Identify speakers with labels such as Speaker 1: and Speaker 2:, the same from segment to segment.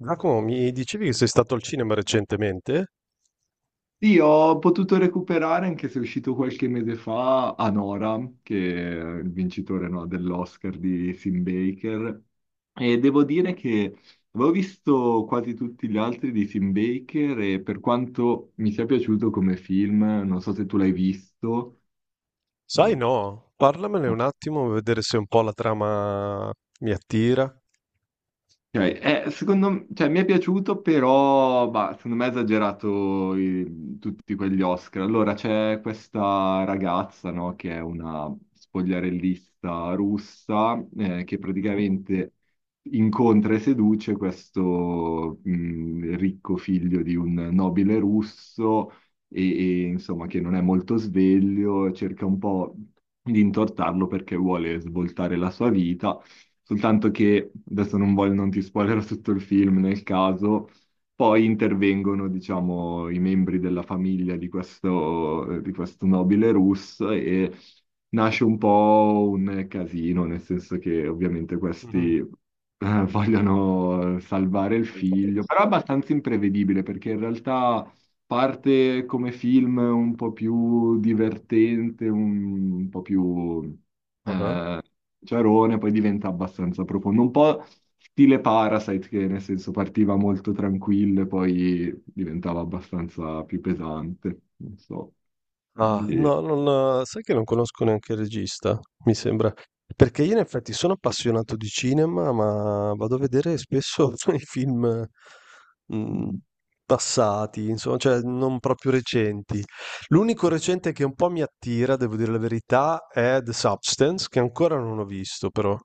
Speaker 1: Giacomo, mi dicevi che sei stato al cinema recentemente?
Speaker 2: Sì, ho potuto recuperare anche se è uscito qualche mese fa Anora, che è il vincitore, no, dell'Oscar di Sim Baker. E devo dire che avevo visto quasi tutti gli altri di Sim Baker e, per quanto mi sia piaciuto come film, non so se tu l'hai visto.
Speaker 1: Sai
Speaker 2: eh,
Speaker 1: no, parlamene un attimo, vedere se un po' la trama mi attira.
Speaker 2: Cioè, cioè, mi è piaciuto, però, bah, secondo me ha esagerato, tutti quegli Oscar. Allora, c'è questa ragazza, no, che è una spogliarellista russa, che
Speaker 1: Mhm.
Speaker 2: praticamente incontra e seduce questo ricco figlio di un nobile russo e, insomma, che non è molto sveglio, cerca un po' di intortarlo perché vuole svoltare la sua vita. Soltanto che adesso non voglio, non ti spoilerò tutto il film nel caso. Poi intervengono, diciamo, i membri della famiglia di questo, nobile russo e nasce un po' un casino, nel senso che ovviamente questi
Speaker 1: Mhm.
Speaker 2: vogliono salvare il figlio, però è abbastanza imprevedibile perché in realtà parte come film un po' più divertente, un po' più
Speaker 1: Ah ah.
Speaker 2: eh, ciarone, poi diventa abbastanza profondo, un po' stile Parasite, che nel senso partiva molto tranquillo e poi diventava abbastanza più pesante, non so.
Speaker 1: Ah,
Speaker 2: Quindi,
Speaker 1: no, non sai che non conosco neanche il regista, mi sembra. Perché io in effetti sono appassionato di cinema, ma vado a vedere spesso i film mh,
Speaker 2: mhm,
Speaker 1: passati, insomma, cioè non proprio recenti. L'unico recente che un po' mi attira, devo dire la verità, è The Substance, che ancora non ho visto, però.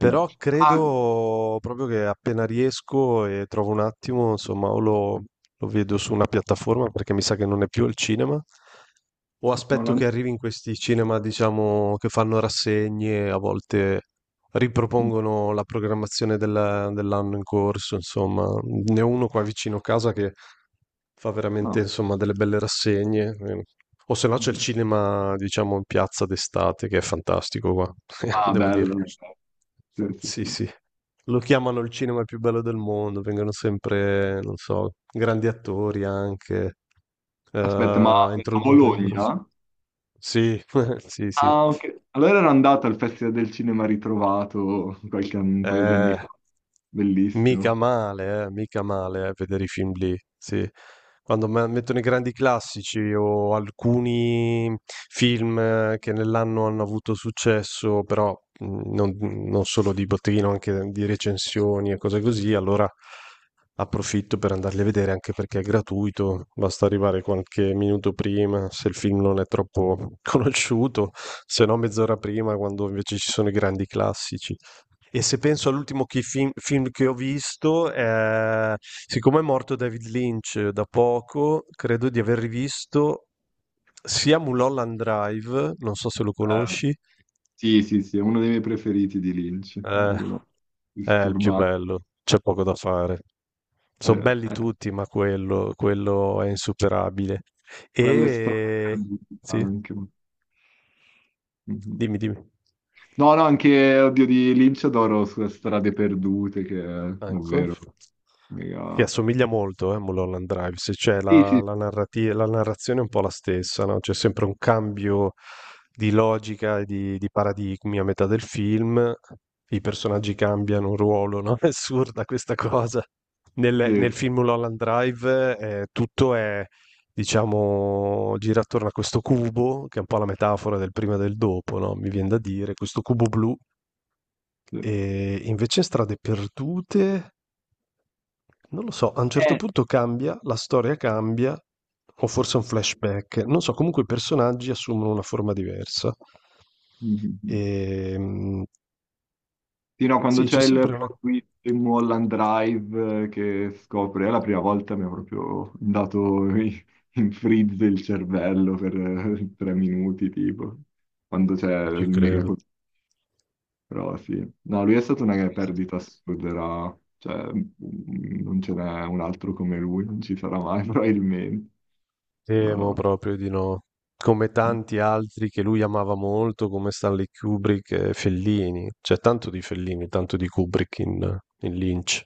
Speaker 2: sì. Ah,
Speaker 1: credo proprio che appena riesco e trovo un attimo, insomma, o lo vedo su una piattaforma perché mi sa che non è più al cinema, o aspetto
Speaker 2: Nolan-
Speaker 1: che arrivi in questi cinema, diciamo, che fanno rassegne, a volte
Speaker 2: mm,
Speaker 1: ripropongono la programmazione dell'anno in corso, insomma. Ne ho uno qua vicino a casa che fa veramente,
Speaker 2: ah,
Speaker 1: insomma, delle belle rassegne. O se no c'è il
Speaker 2: mhm.
Speaker 1: cinema, diciamo, in piazza d'estate, che è fantastico qua,
Speaker 2: Ah,
Speaker 1: devo dire.
Speaker 2: bello. Bello. Sì, sì,
Speaker 1: Sì,
Speaker 2: sì.
Speaker 1: sì. Lo chiamano il cinema più bello del mondo, vengono sempre, non so, grandi attori anche
Speaker 2: Aspetta, ma
Speaker 1: a
Speaker 2: a
Speaker 1: introdurre il loro
Speaker 2: Bologna?
Speaker 1: sì, sì, sì.
Speaker 2: Ah, ok. Allora ero andato al Festival del Cinema Ritrovato un paio di anni
Speaker 1: Ehm,
Speaker 2: fa. Bellissimo.
Speaker 1: Mica male, vedere i film lì, sì. Quando mettono i grandi classici o alcuni film che nell'anno hanno avuto successo, però non solo di botteghino, anche di recensioni e cose così, allora approfitto per andarli a vedere anche perché è gratuito, basta arrivare qualche minuto prima se il film non è troppo conosciuto, se no mezz'ora prima quando invece ci sono i grandi classici. E se penso all'ultimo film che ho visto, siccome è morto David Lynch da poco, credo di aver rivisto sia Mulholland Drive, non so se lo
Speaker 2: Bello.
Speaker 1: conosci,
Speaker 2: Sì, sì, sì, è uno dei miei preferiti di Lynch.
Speaker 1: eh,
Speaker 2: Giuro.
Speaker 1: è il più
Speaker 2: Disturbante.
Speaker 1: bello, c'è poco da fare. Sono belli
Speaker 2: Eh,
Speaker 1: tutti, ma quello è insuperabile.
Speaker 2: quelle strade
Speaker 1: E
Speaker 2: perdute
Speaker 1: sì,
Speaker 2: anche. Mhm.
Speaker 1: dimmi, dimmi.
Speaker 2: No, no, anche, oddio, di Lynch adoro sulle strade perdute, che è
Speaker 1: Ecco,
Speaker 2: davvero
Speaker 1: che
Speaker 2: mega.
Speaker 1: assomiglia molto, a Mulholland Drive, se c'è
Speaker 2: Sì,
Speaker 1: la,
Speaker 2: sì,
Speaker 1: la
Speaker 2: sì.
Speaker 1: narrati- la narrazione è un po' la stessa, no? C'è sempre un cambio di logica e di paradigmi a metà del film, i personaggi cambiano ruolo, no? È assurda questa cosa. Nel
Speaker 2: Sì,
Speaker 1: film Mulholland Drive tutto è, diciamo, gira attorno a questo cubo, che è un po' la metafora del prima e del dopo, no? Mi viene da dire, questo cubo blu,
Speaker 2: sì.
Speaker 1: e invece in Strade Perdute. Non lo so, a un certo
Speaker 2: Eh.
Speaker 1: punto cambia, la storia cambia, o forse è un flashback, non so, comunque i personaggi assumono una forma diversa. E,
Speaker 2: Mhm. Sì, no, quando
Speaker 1: sì, c'è
Speaker 2: c'è il
Speaker 1: sempre una.
Speaker 2: plot twist in Mulholland Drive, che scopre, è la prima volta mi ha proprio dato in freeze il cervello per tre minuti, tipo, quando c'è il
Speaker 1: Ci
Speaker 2: mega
Speaker 1: credo.
Speaker 2: colpo. Però sì, no, lui è stata una perdita assurda, cioè, non ce n'è un altro come lui, non ci sarà mai probabilmente.
Speaker 1: Temo
Speaker 2: Madonna.
Speaker 1: proprio di no. Come tanti altri che lui amava molto, come Stanley Kubrick e Fellini. C'è tanto di Fellini, tanto di Kubrick in Lynch.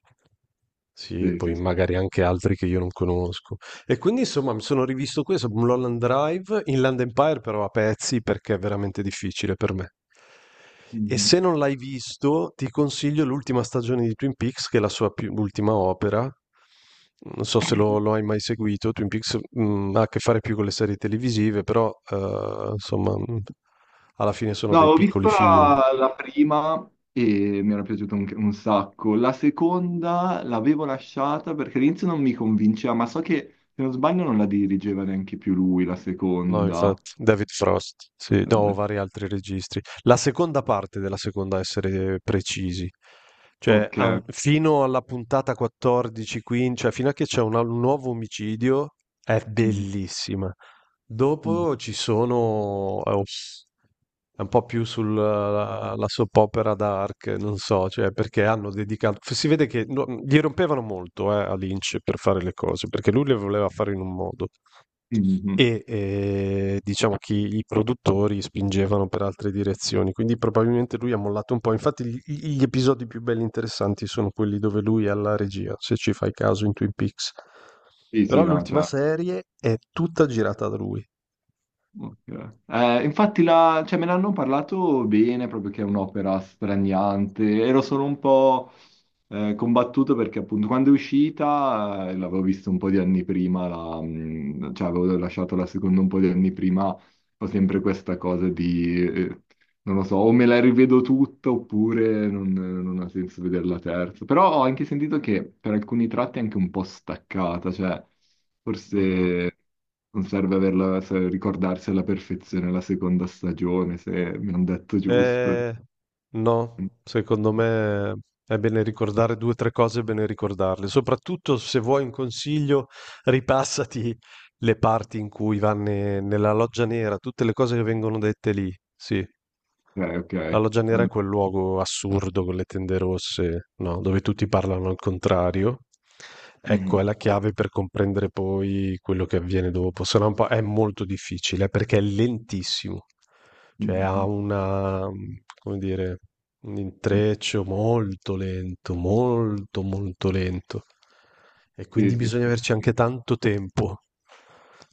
Speaker 1: Sì, e
Speaker 2: Sì,
Speaker 1: poi
Speaker 2: sì,
Speaker 1: magari anche altri che io non conosco. E quindi insomma mi sono rivisto questo, Mulholland Drive, Inland Empire però a pezzi perché è veramente difficile per me. E
Speaker 2: sì.
Speaker 1: se non l'hai visto, ti consiglio l'ultima stagione di Twin Peaks, che è la sua ultima opera. Non so se lo hai mai seguito. Twin Peaks, ha a che fare più con le serie televisive, però insomma, alla fine sono
Speaker 2: No,
Speaker 1: dei
Speaker 2: ho
Speaker 1: piccoli
Speaker 2: visto
Speaker 1: film.
Speaker 2: la prima e mi era piaciuta un sacco. La seconda l'avevo lasciata perché all'inizio non mi convinceva, ma so che, se non sbaglio, non la dirigeva neanche più lui, la
Speaker 1: No,
Speaker 2: seconda.
Speaker 1: infatti, David Frost, sì, no,
Speaker 2: Guarda.
Speaker 1: vari altri registri. La seconda parte della seconda, a essere precisi, cioè
Speaker 2: Ok.
Speaker 1: fino alla puntata 14, 15, cioè fino a che c'è un nuovo omicidio, è
Speaker 2: Mhm.
Speaker 1: bellissima.
Speaker 2: Mhm.
Speaker 1: Dopo ci sono, ups, è un po' più sulla la soap opera dark, non so, cioè perché hanno dedicato, si vede che no, gli rompevano molto a Lynch per fare le cose, perché lui le voleva fare in un modo
Speaker 2: Mhm.
Speaker 1: e diciamo che i produttori spingevano per altre direzioni, quindi probabilmente lui ha mollato un po'. Infatti gli episodi più belli e interessanti sono quelli dove lui è alla regia, se ci fai caso in Twin Peaks.
Speaker 2: Sì, sì,
Speaker 1: Però
Speaker 2: no,
Speaker 1: l'ultima
Speaker 2: cioè.
Speaker 1: serie è tutta girata da lui.
Speaker 2: Ok. Infatti, cioè, me ne hanno parlato bene, proprio che è un'opera straniante. Ero solo un po' combattuto perché, appunto, quando è uscita l'avevo vista un po' di anni prima, cioè avevo lasciato la seconda un po' di anni prima, ho sempre questa cosa di, non lo so, o me la rivedo tutta oppure non ha senso vederla terza. Però ho anche sentito che per alcuni tratti è anche un po' staccata, cioè forse non serve averla, ricordarsi alla perfezione la seconda stagione, se mi hanno detto giusto.
Speaker 1: Eh,
Speaker 2: Ok,
Speaker 1: no, secondo me è bene ricordare due o tre cose, è bene ricordarle. Soprattutto se vuoi un consiglio, ripassati le parti in cui vanno nella loggia nera, tutte le cose che vengono dette lì. Sì, la
Speaker 2: ok.
Speaker 1: loggia nera è quel luogo assurdo con le tende rosse, no, dove tutti parlano al contrario. Ecco, è
Speaker 2: Mhm,
Speaker 1: la chiave per comprendere poi quello che avviene dopo, se no un po' è molto difficile perché è lentissimo. Cioè ha
Speaker 2: mhm,
Speaker 1: una, come dire, un
Speaker 2: mhm.
Speaker 1: intreccio molto lento, molto molto lento. E
Speaker 2: Sì,
Speaker 1: quindi
Speaker 2: sì,
Speaker 1: bisogna
Speaker 2: sì.
Speaker 1: averci anche tanto tempo.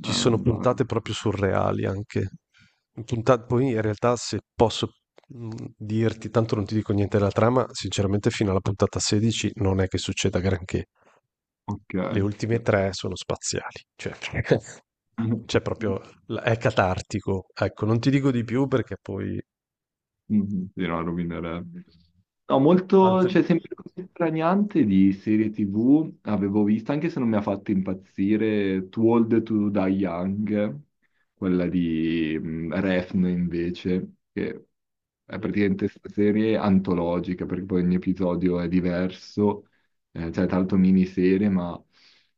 Speaker 1: Ci
Speaker 2: Ah, no,
Speaker 1: sono
Speaker 2: male.
Speaker 1: puntate proprio surreali anche. Puntate, poi in realtà se posso mm, dirti, tanto non ti dico niente della trama, sinceramente fino alla puntata 16 non è che succeda granché.
Speaker 2: Ok.
Speaker 1: Le ultime tre sono spaziali, cioè c'è proprio, è catartico. Ecco, non ti dico di più perché poi
Speaker 2: Mhm. Sì, no, rovinerebbe. No, molto,
Speaker 1: Altri
Speaker 2: cioè sempre così straniante di serie TV avevo visto, anche se non mi ha fatto impazzire, Too Old to Die Young, quella di Refn invece, che è
Speaker 1: mh-mh,
Speaker 2: praticamente questa serie antologica, perché poi ogni episodio è diverso, cioè tanto miniserie, ma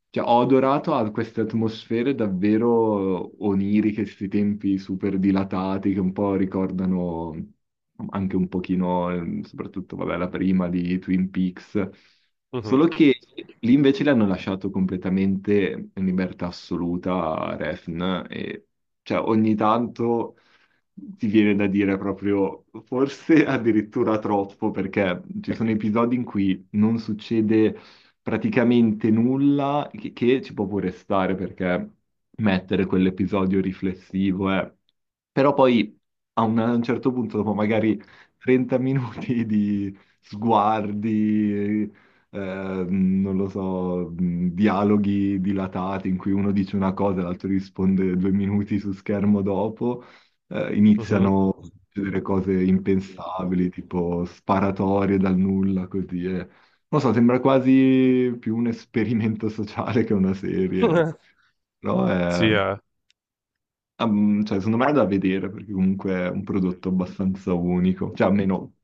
Speaker 2: cioè, ho adorato a queste atmosfere davvero oniriche, questi tempi super dilatati che un po' ricordano anche un pochino, soprattutto, vabbè, la prima di Twin Peaks,
Speaker 1: mh-mh,
Speaker 2: solo che lì invece le hanno lasciato completamente in libertà assoluta a Refn e cioè ogni tanto ti viene da dire proprio forse addirittura troppo, perché ci sono episodi in cui non succede praticamente nulla, che ci può pure stare, perché mettere quell'episodio riflessivo è. Però poi a un certo punto, dopo
Speaker 1: mh,
Speaker 2: magari 30 minuti di sguardi, non lo so, dialoghi dilatati in cui uno dice una cosa e l'altro risponde due minuti su schermo dopo,
Speaker 1: mh-mh.
Speaker 2: iniziano a succedere cose impensabili, tipo sparatorie dal nulla, così. E, non lo so, sembra quasi più un esperimento sociale che una serie, però è,
Speaker 1: Sì, eh.
Speaker 2: cioè, secondo me è da vedere, perché comunque è un prodotto abbastanza unico, cioè almeno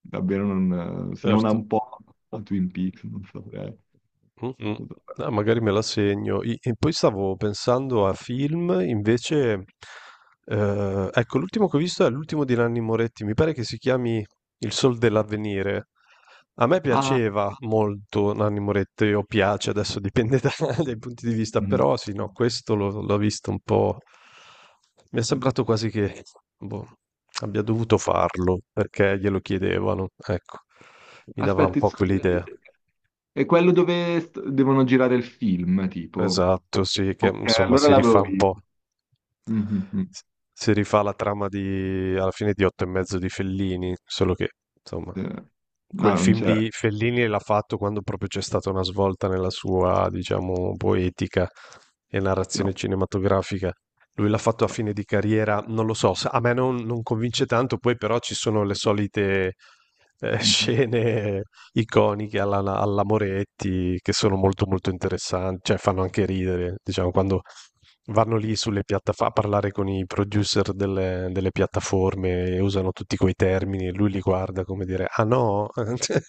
Speaker 2: davvero non, se non ha
Speaker 1: Certo.
Speaker 2: un po' a Twin Peaks, non saprei.
Speaker 1: Mh-mh. Ah, magari me la segno. I E poi stavo pensando a film invece, ecco l'ultimo che ho visto è l'ultimo di Nanni Moretti, mi pare che si chiami Il Sol dell'Avvenire. A me
Speaker 2: Ah,
Speaker 1: piaceva molto Nanni Moretti, o piace, adesso dipende da dai punti di vista,
Speaker 2: mm.
Speaker 1: però sì, no, questo l'ho visto un po' mi è sembrato quasi che, boh, abbia dovuto farlo perché glielo chiedevano, ecco. Mi dava un
Speaker 2: Aspetta,
Speaker 1: po' quell'idea.
Speaker 2: è quello dove devono girare il film, tipo.
Speaker 1: Esatto, sì, che
Speaker 2: Ok,
Speaker 1: insomma
Speaker 2: allora
Speaker 1: si rifà
Speaker 2: l'avevo
Speaker 1: un
Speaker 2: visto.
Speaker 1: po'.
Speaker 2: Mhm, mhm.
Speaker 1: Si rifà la trama di alla fine di Otto e mezzo di Fellini, solo che insomma
Speaker 2: Eh, no,
Speaker 1: quel
Speaker 2: non
Speaker 1: film
Speaker 2: c'è.
Speaker 1: lì Fellini l'ha fatto quando proprio c'è stata una svolta nella sua, diciamo, poetica e
Speaker 2: Sì,
Speaker 1: narrazione
Speaker 2: no.
Speaker 1: cinematografica. Lui l'ha fatto a
Speaker 2: No.
Speaker 1: fine di carriera, non lo so, a me non convince tanto, poi però ci sono le solite
Speaker 2: Mhm.
Speaker 1: scene iconiche alla Moretti che sono molto molto interessanti, cioè fanno anche ridere, diciamo, quando vanno lì sulle piattaforme a parlare con i producer delle piattaforme e usano tutti quei termini e lui li guarda come dire, ah no, cioè,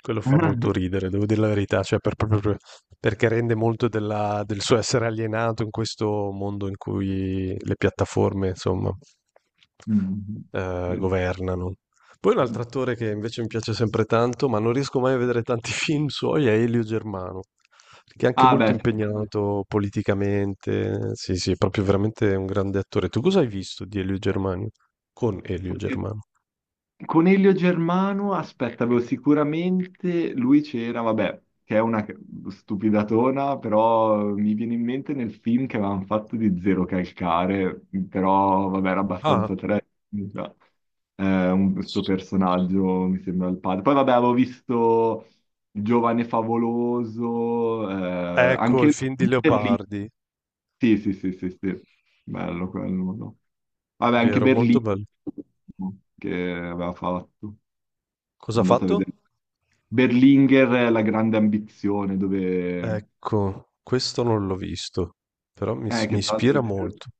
Speaker 1: quello fa molto ridere, devo dire la verità, cioè proprio perché rende molto del suo essere alienato in questo mondo in cui le piattaforme, insomma,
Speaker 2: Mhm. Sì.
Speaker 1: governano. Poi un
Speaker 2: Sì.
Speaker 1: altro attore che invece mi piace sempre tanto, ma non riesco mai a vedere tanti film suoi, è Elio Germano. Che è anche
Speaker 2: Ah,
Speaker 1: molto
Speaker 2: beh,
Speaker 1: impegnato politicamente. Sì, sì, è proprio veramente un grande attore. Tu cosa hai visto di Elio Germano? Con Elio
Speaker 2: sì.
Speaker 1: Germano.
Speaker 2: Coniglio Germano, aspetta, avevo sicuramente lui c'era, vabbè, che è una stupidatona, però mi viene in mente nel film che avevano fatto di Zero Calcare, però vabbè, era
Speaker 1: Ah,
Speaker 2: abbastanza trash, già. Questo personaggio mi sembra il padre. Poi vabbè, avevo visto Giovane Favoloso,
Speaker 1: ecco
Speaker 2: anche
Speaker 1: il film di
Speaker 2: lì.
Speaker 1: Leopardi,
Speaker 2: Sì, sì, sì, sì, sì, bello quello, no? Vabbè, anche
Speaker 1: vero, molto
Speaker 2: Berlino
Speaker 1: bello.
Speaker 2: che aveva fatto, sono
Speaker 1: Cosa ha
Speaker 2: andato a vedere.
Speaker 1: fatto?
Speaker 2: Berlinguer, La grande ambizione, dove.
Speaker 1: Ecco, questo non l'ho visto, però mi, mi
Speaker 2: Che tra l'altro.
Speaker 1: ispira molto.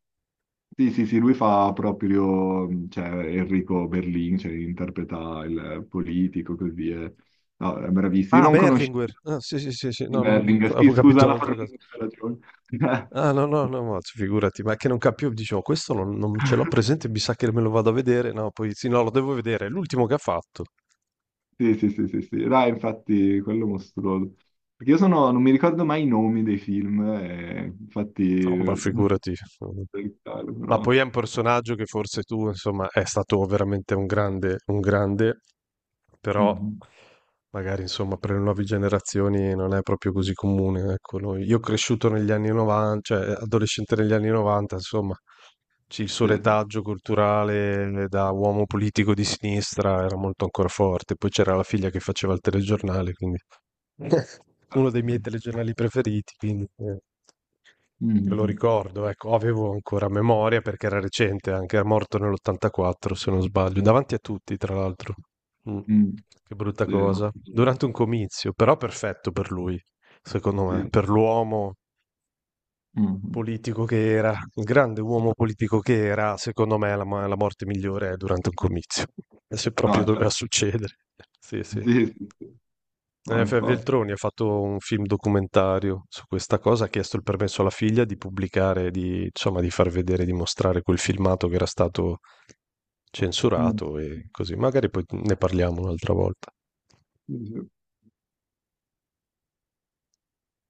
Speaker 2: Sì, sì, sì, lui fa proprio, cioè, Enrico Berlin, cioè, interpreta il politico, così, eh. No, è bravissimo. Io
Speaker 1: Ah,
Speaker 2: non conoscevo
Speaker 1: Berlinguer. Ah, sì, sì, sì, sì, no, non-
Speaker 2: Berlinguer, sì,
Speaker 1: avevo
Speaker 2: scusa
Speaker 1: capito
Speaker 2: la
Speaker 1: un'altra cosa.
Speaker 2: formazione, ragione.
Speaker 1: Ah, no, no, no, ma figurati, ma è che non capivo, dicevo, questo non ce l'ho presente, mi sa che me lo vado a vedere, no, poi sì, no, lo devo vedere, è l'ultimo che ha fatto.
Speaker 2: Sì, sì, sì, sì, sì. Là, infatti, quello mostruoso. Perché io sono, non mi ricordo mai i nomi dei film, infatti.
Speaker 1: No, ma figurati. Mm. Ma
Speaker 2: Però.
Speaker 1: poi è un personaggio che forse tu, insomma, è stato veramente un grande, però
Speaker 2: Mhm.
Speaker 1: magari, insomma, per le nuove generazioni non è proprio così comune, ecco, io ho cresciuto negli anni 90, cioè adolescente negli anni 90, insomma, sì, il suo
Speaker 2: Sì,
Speaker 1: retaggio culturale da uomo politico di sinistra era molto ancora forte. Poi c'era la figlia che faceva il telegiornale, quindi uno dei miei
Speaker 2: sì.
Speaker 1: telegiornali preferiti, quindi me lo
Speaker 2: Mhm.
Speaker 1: ricordo, ecco, avevo ancora memoria perché era recente, anche era morto nell'84, se non sbaglio, davanti a tutti, tra l'altro. Mm.
Speaker 2: Mm.
Speaker 1: Che brutta
Speaker 2: Sì, no,
Speaker 1: cosa. Durante un comizio, però perfetto per lui, secondo me,
Speaker 2: sì.
Speaker 1: per l'uomo
Speaker 2: Mhm.
Speaker 1: politico che era, il grande uomo politico che era, secondo me la morte migliore è durante un comizio, se proprio
Speaker 2: No, cioè,
Speaker 1: doveva succedere. Sì, sì.
Speaker 2: sì, sì. No,
Speaker 1: F.
Speaker 2: infatti.
Speaker 1: Veltroni ha fatto un film documentario su questa cosa, ha chiesto il permesso alla figlia di pubblicare, di, insomma, di far vedere, di mostrare quel filmato che era stato
Speaker 2: Mm.
Speaker 1: censurato e così. Magari poi ne parliamo un'altra volta.
Speaker 2: Sì, sì.